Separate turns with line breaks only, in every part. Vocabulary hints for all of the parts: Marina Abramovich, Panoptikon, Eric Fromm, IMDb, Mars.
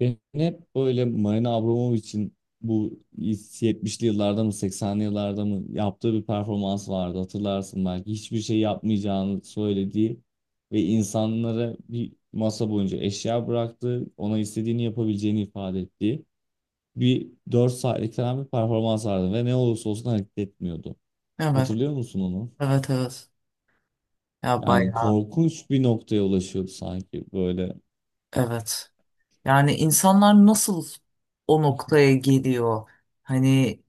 Ben hep böyle Marina Abramovich'in bu 70'li yıllarda mı 80'li yıllarda mı yaptığı bir performans vardı, hatırlarsın belki. Hiçbir şey yapmayacağını söylediği ve insanlara bir masa boyunca eşya bıraktı. Ona istediğini yapabileceğini ifade ettiği bir 4 saatlik falan bir performans vardı ve ne olursa olsun hareket etmiyordu.
Evet,
Hatırlıyor musun onu?
evet, evet. Ya
Yani
bayağı,
korkunç bir noktaya ulaşıyordu sanki böyle.
evet. Yani insanlar nasıl o noktaya geliyor? Hani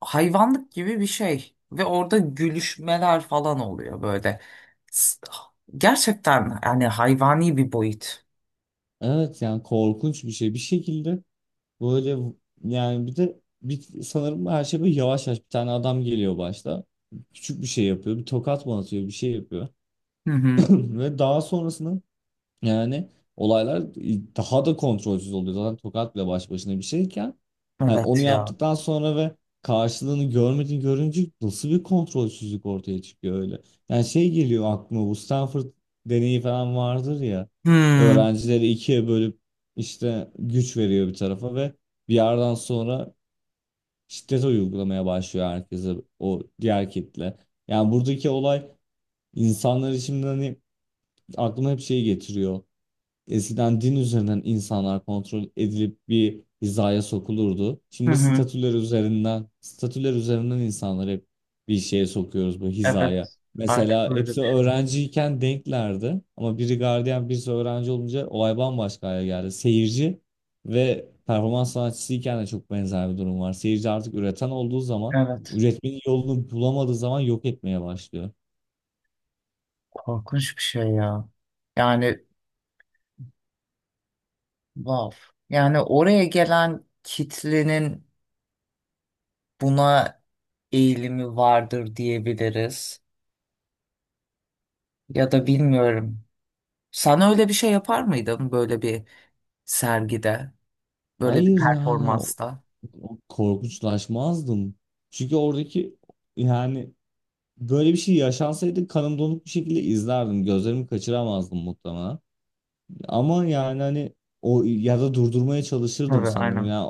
hayvanlık gibi bir şey. Ve orada gülüşmeler falan oluyor böyle. S- Gerçekten yani hayvani bir boyut.
Evet, yani korkunç bir şey. Bir şekilde böyle, yani sanırım her şey böyle yavaş yavaş bir tane adam geliyor başta. Küçük bir şey yapıyor. Bir tokat mı atıyor, bir şey yapıyor.
Hı hı.
Ve daha sonrasında yani olaylar daha da kontrolsüz oluyor. Zaten tokat bile baş başına bir şeyken, hani onu
Evet ya.
yaptıktan sonra ve karşılığını görmediğini görünce nasıl bir kontrolsüzlük ortaya çıkıyor öyle. Yani şey geliyor aklıma, bu Stanford deneyi falan vardır ya.
Hı
Öğrencileri ikiye bölüp işte güç veriyor bir tarafa ve bir yerden sonra şiddet uygulamaya başlıyor herkese o diğer kitle. Yani buradaki olay insanlar için, hani aklıma hep şey getiriyor. Eskiden din üzerinden insanlar kontrol edilip bir hizaya sokulurdu.
hı.
Şimdi
Hı.
statüler üzerinden, statüler üzerinden insanları hep bir şeye sokuyoruz, bu hizaya.
Evet. Artık
Mesela
öyle
hepsi
bir şey.
öğrenciyken denklerdi ama biri gardiyan birisi öğrenci olunca olay bambaşka hale geldi. Seyirci ve performans sanatçısıyken de çok benzer bir durum var. Seyirci artık üreten olduğu zaman,
Evet.
üretmenin yolunu bulamadığı zaman yok etmeye başlıyor.
Korkunç bir şey ya. Yani wow. Yani oraya gelen kitlenin buna eğilimi vardır diyebiliriz. Ya da bilmiyorum. Sen öyle bir şey yapar mıydın böyle bir sergide, böyle bir
Hayır, yani
performansta?
korkunçlaşmazdım. Çünkü oradaki, yani böyle bir şey yaşansaydı kanım donuk bir şekilde izlerdim. Gözlerimi kaçıramazdım muhtemelen. Ama yani hani o, ya da durdurmaya çalışırdım
Tabii,
sanırım.
aynen.
Ya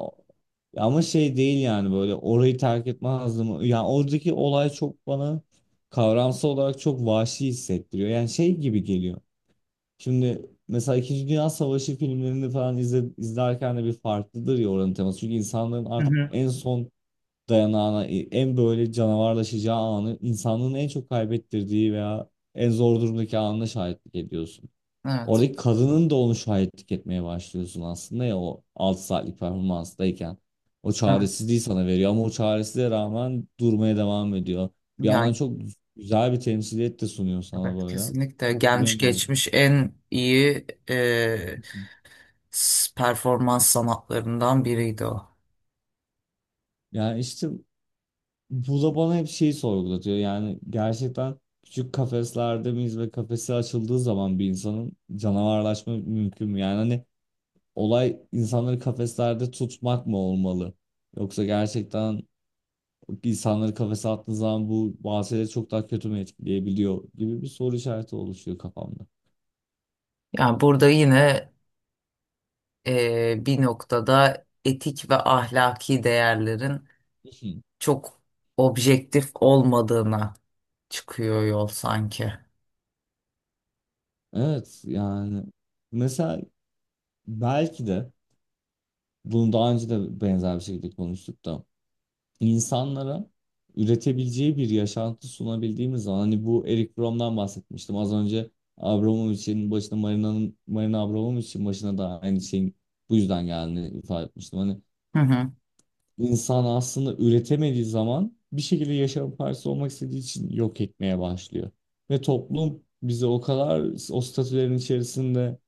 ama şey değil, yani böyle orayı terk etmezdim. Yani oradaki olay çok bana kavramsal olarak çok vahşi hissettiriyor. Yani şey gibi geliyor. Şimdi mesela İkinci Dünya Savaşı filmlerini falan izlerken de bir farklıdır ya oranın teması. Çünkü insanların
Hı
artık
hı.
en son dayanağına, en böyle canavarlaşacağı anı, insanlığın en çok kaybettirdiği veya en zor durumdaki anına şahitlik ediyorsun.
Evet.
Oradaki kadının da onu şahitlik etmeye başlıyorsun aslında ya, o 6 saatlik performanstayken. O
Tabii.
çaresizliği sana veriyor ama o çaresizliğe rağmen durmaya devam ediyor. Bir yandan
Yani
çok güzel bir temsiliyet de sunuyor sana
evet
böyle.
kesinlikle gelmiş
Bilemiyorum.
geçmiş en iyi performans sanatlarından biriydi o.
Yani işte bu da bana hep şeyi sorgulatıyor. Yani gerçekten küçük kafeslerde miyiz ve kafesi açıldığı zaman bir insanın canavarlaşma mümkün mü? Yani hani olay insanları kafeslerde tutmak mı olmalı? Yoksa gerçekten insanları kafese attığın zaman bu bahsede çok daha kötü mü etkileyebiliyor gibi bir soru işareti oluşuyor kafamda.
Yani burada yine bir noktada etik ve ahlaki değerlerin çok objektif olmadığına çıkıyor yol sanki.
Evet, yani mesela belki de bunu daha önce de benzer bir şekilde konuştuk da, insanlara üretebileceği bir yaşantı sunabildiğimiz zaman, hani bu Eric Fromm'dan bahsetmiştim az önce, Abramovich'in başına, Marina'nın, Marina Abramovich'in başına da aynı şeyin bu yüzden geldiğini ifade etmiştim. Hani
Hı hı.
insan aslında üretemediği zaman bir şekilde yaşamın parçası olmak istediği için yok etmeye başlıyor. Ve toplum bizi o kadar o statülerin içerisinde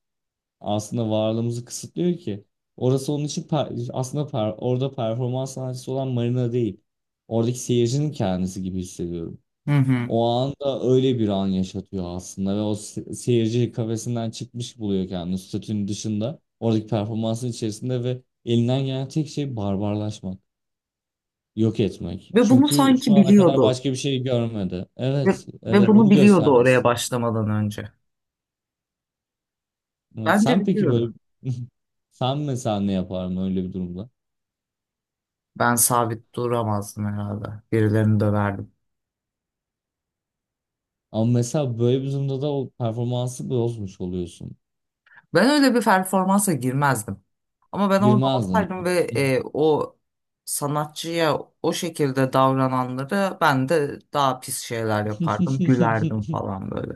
aslında varlığımızı kısıtlıyor ki. Orası onun için orada performans sanatçısı olan Marina değil. Oradaki seyircinin kendisi gibi hissediyorum.
Hı hı.
O anda öyle bir an yaşatıyor aslında ve o seyirci kafesinden çıkmış buluyor kendini, statünün dışında. Oradaki performansın içerisinde ve elinden gelen tek şey barbarlaşmak, yok etmek.
Ve bunu
Çünkü şu
sanki
ana kadar
biliyordu.
başka bir şey görmedi.
Ve,
Evet,
ve
evet
bunu
bunu
biliyordu
göstermek
oraya
istedim.
başlamadan önce.
Evet,
Bence
sen peki
biliyordu.
böyle, sen mesela ne yapardın öyle bir durumda?
Ben sabit duramazdım herhalde. Birilerini döverdim.
Ama mesela böyle bir durumda da o performansı bozmuş oluyorsun.
Ben öyle bir performansa girmezdim. Ama ben orada
Girmezdin.
olsaydım ve o sanatçıya o şekilde davrananlara ben de daha pis şeyler yapardım. Gülerdim falan böyle.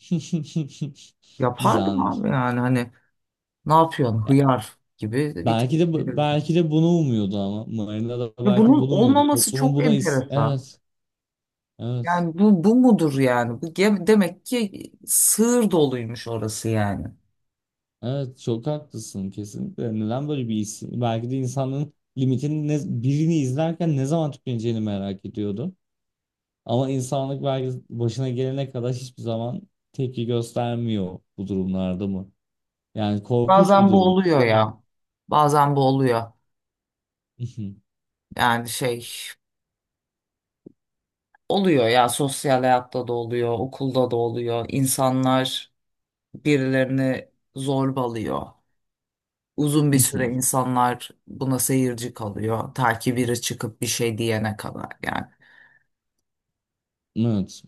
Yapardım
Güzelmiş.
abi yani hani ne yapıyorsun?
Ya,
Hıyar gibi bir tepki veriyor.
belki de bunu umuyordu, ama Marina da
Ve
belki
bunun
bunu umuyordu.
olmaması
Toplumun
çok
buna, is
enteresan.
evet. Evet.
Yani bu mudur yani? Demek ki sığır doluymuş orası yani.
Evet, çok haklısın kesinlikle. Neden böyle bir isim? Belki de insanın limitini, birini izlerken ne zaman tükeneceğini merak ediyordu. Ama insanlık belki başına gelene kadar hiçbir zaman tepki göstermiyor bu durumlarda mı? Yani korkunç bir
Bazen bu
durum
oluyor
değil mi?
ya. Bazen bu oluyor. Yani şey oluyor ya, sosyal hayatta da oluyor, okulda da oluyor. İnsanlar birilerini zorbalıyor. Uzun bir süre insanlar buna seyirci kalıyor. Ta ki biri çıkıp bir şey diyene kadar yani.
Evet.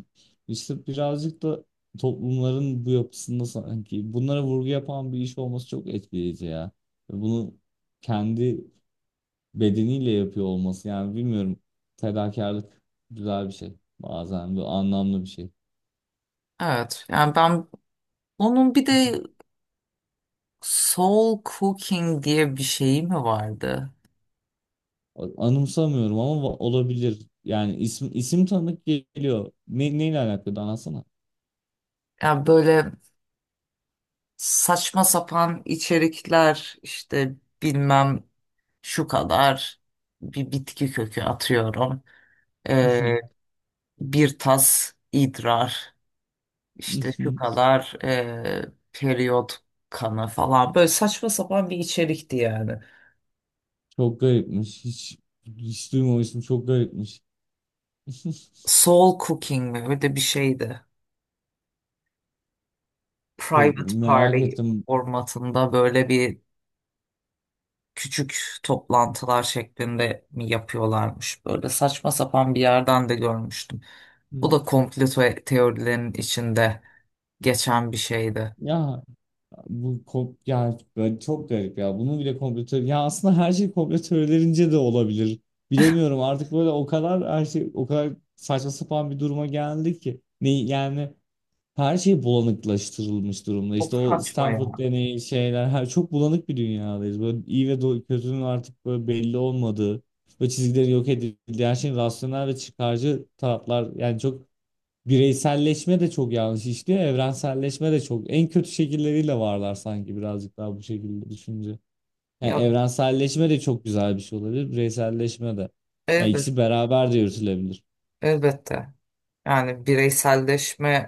İşte birazcık da toplumların bu yapısında sanki bunlara vurgu yapan bir iş olması çok etkileyici ya. Ve bunu kendi bedeniyle yapıyor olması, yani bilmiyorum. Fedakarlık güzel bir şey. Bazen bu anlamlı bir şey.
Evet yani ben onun bir de soul cooking diye bir şeyi mi vardı?
Anımsamıyorum ama olabilir. Yani isim isim tanıdık geliyor. Neyle alakalı anlatsana.
Yani böyle saçma sapan içerikler işte, bilmem şu kadar bir bitki kökü atıyorum. Ee, Bir tas idrar, işte şu kadar periyot kanı falan, böyle saçma sapan bir içerikti yani.
Çok garipmiş. Hiç duymamıştım. Çok garipmiş.
Soul Cooking mi öyle bir şeydi.
Çok
Private
merak
Party
ettim.
formatında böyle bir küçük toplantılar şeklinde mi yapıyorlarmış? Böyle saçma sapan bir yerden de görmüştüm. Bu
Hmm.
da teorilerinin içinde geçen bir şeydi.
Ya ya böyle çok garip ya. Bunu bile ya aslında her şey komplo teorilerince de olabilir. Bilemiyorum artık, böyle o kadar her şey o kadar saçma sapan bir duruma geldi ki. Ne yani, her şey bulanıklaştırılmış durumda.
Çok
İşte o
saçma
Stanford
ya.
deneyi, şeyler, her, çok bulanık bir dünyadayız. Böyle iyi ve kötünün artık böyle belli olmadığı ve çizgileri yok edildiği, her şeyin rasyonel ve çıkarcı taraflar, yani çok bireyselleşme de çok yanlış işliyor. Evrenselleşme de çok en kötü şekilleriyle varlar sanki, birazcık daha bu şekilde düşünce. Yani
Ya
evrenselleşme de çok güzel bir şey olabilir. Bireyselleşme de. Yani
elbet,
ikisi beraber de yürütülebilir.
elbette. Yani bireyselleşme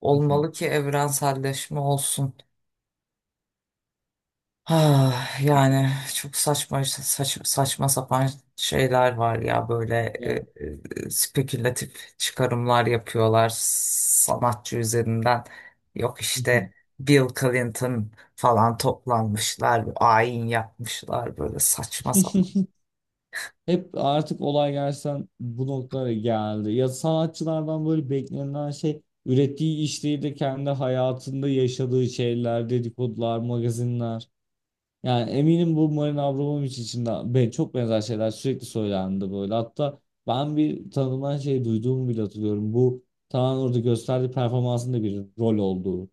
olmalı ki evrenselleşme olsun. Ah, yani çok saçma sapan şeyler var ya böyle e,
Ya.
e, spekülatif çıkarımlar yapıyorlar sanatçı üzerinden. Yok işte Bill Clinton falan toplanmışlar, ayin yapmışlar böyle saçma sapan.
Hep artık olay gerçekten bu noktalara geldi. Ya sanatçılardan böyle beklenen şey ürettiği iş değil de kendi hayatında yaşadığı şeyler, dedikodular, magazinler. Yani eminim bu Marina Abramovic için de ben, çok benzer şeyler sürekli söylendi böyle. Hatta ben bir tanımayan şey duyduğumu bile hatırlıyorum. Bu tamamen orada gösterdiği performansın da bir rol olduğu.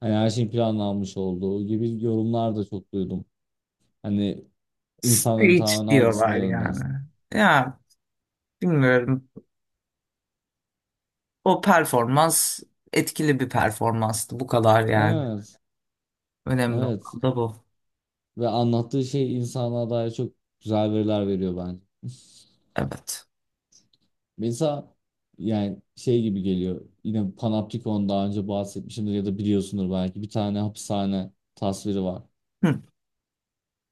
Hani her şeyin planlanmış olduğu gibi yorumlar da çok duydum. Hani insanların
Stage
tamamen algısına
diyorlar yani.
yönlensin.
Ya bilmiyorum. O performans etkili bir performanstı bu kadar yani.
Evet,
Önemli
evet.
olan da bu.
Ve anlattığı şey insana dair çok güzel veriler veriyor bence.
Evet.
Mesela yani şey gibi geliyor. Yine Panoptikon'dan daha önce bahsetmişimdir ya da biliyorsundur belki. Bir tane hapishane tasviri var.
Hı.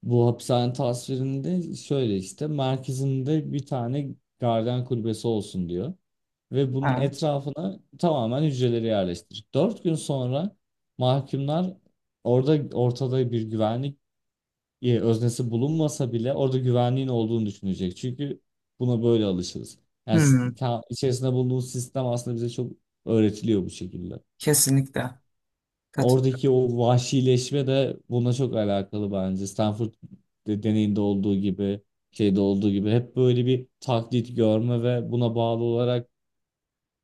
Bu hapishane tasvirinde şöyle, işte merkezinde bir tane garden kulübesi olsun diyor. Ve bunun
Ha.
etrafına tamamen hücreleri yerleştirir. Dört gün sonra mahkumlar orada, ortada bir güvenlik öznesi bulunmasa bile orada güvenliğin olduğunu düşünecek. Çünkü buna böyle alışırız. Yani
Hı.
içerisinde bulunduğumuz sistem aslında bize çok öğretiliyor bu şekilde.
Kesinlikle. Katıl.
Oradaki o vahşileşme de buna çok alakalı bence. Stanford deneyinde olduğu gibi, şeyde olduğu gibi hep böyle bir taklit görme ve buna bağlı olarak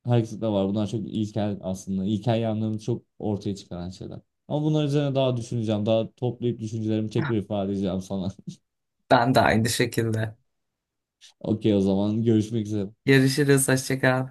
hareket var. Bunlar çok ilkel aslında. İlkel yanlarını çok ortaya çıkaran şeyler. Ama bunlar üzerine daha düşüneceğim. Daha toplayıp düşüncelerimi tekrar ifade edeceğim sana.
Ben de aynı şekilde.
Okey, o zaman görüşmek üzere.
Görüşürüz. Hoşça kal.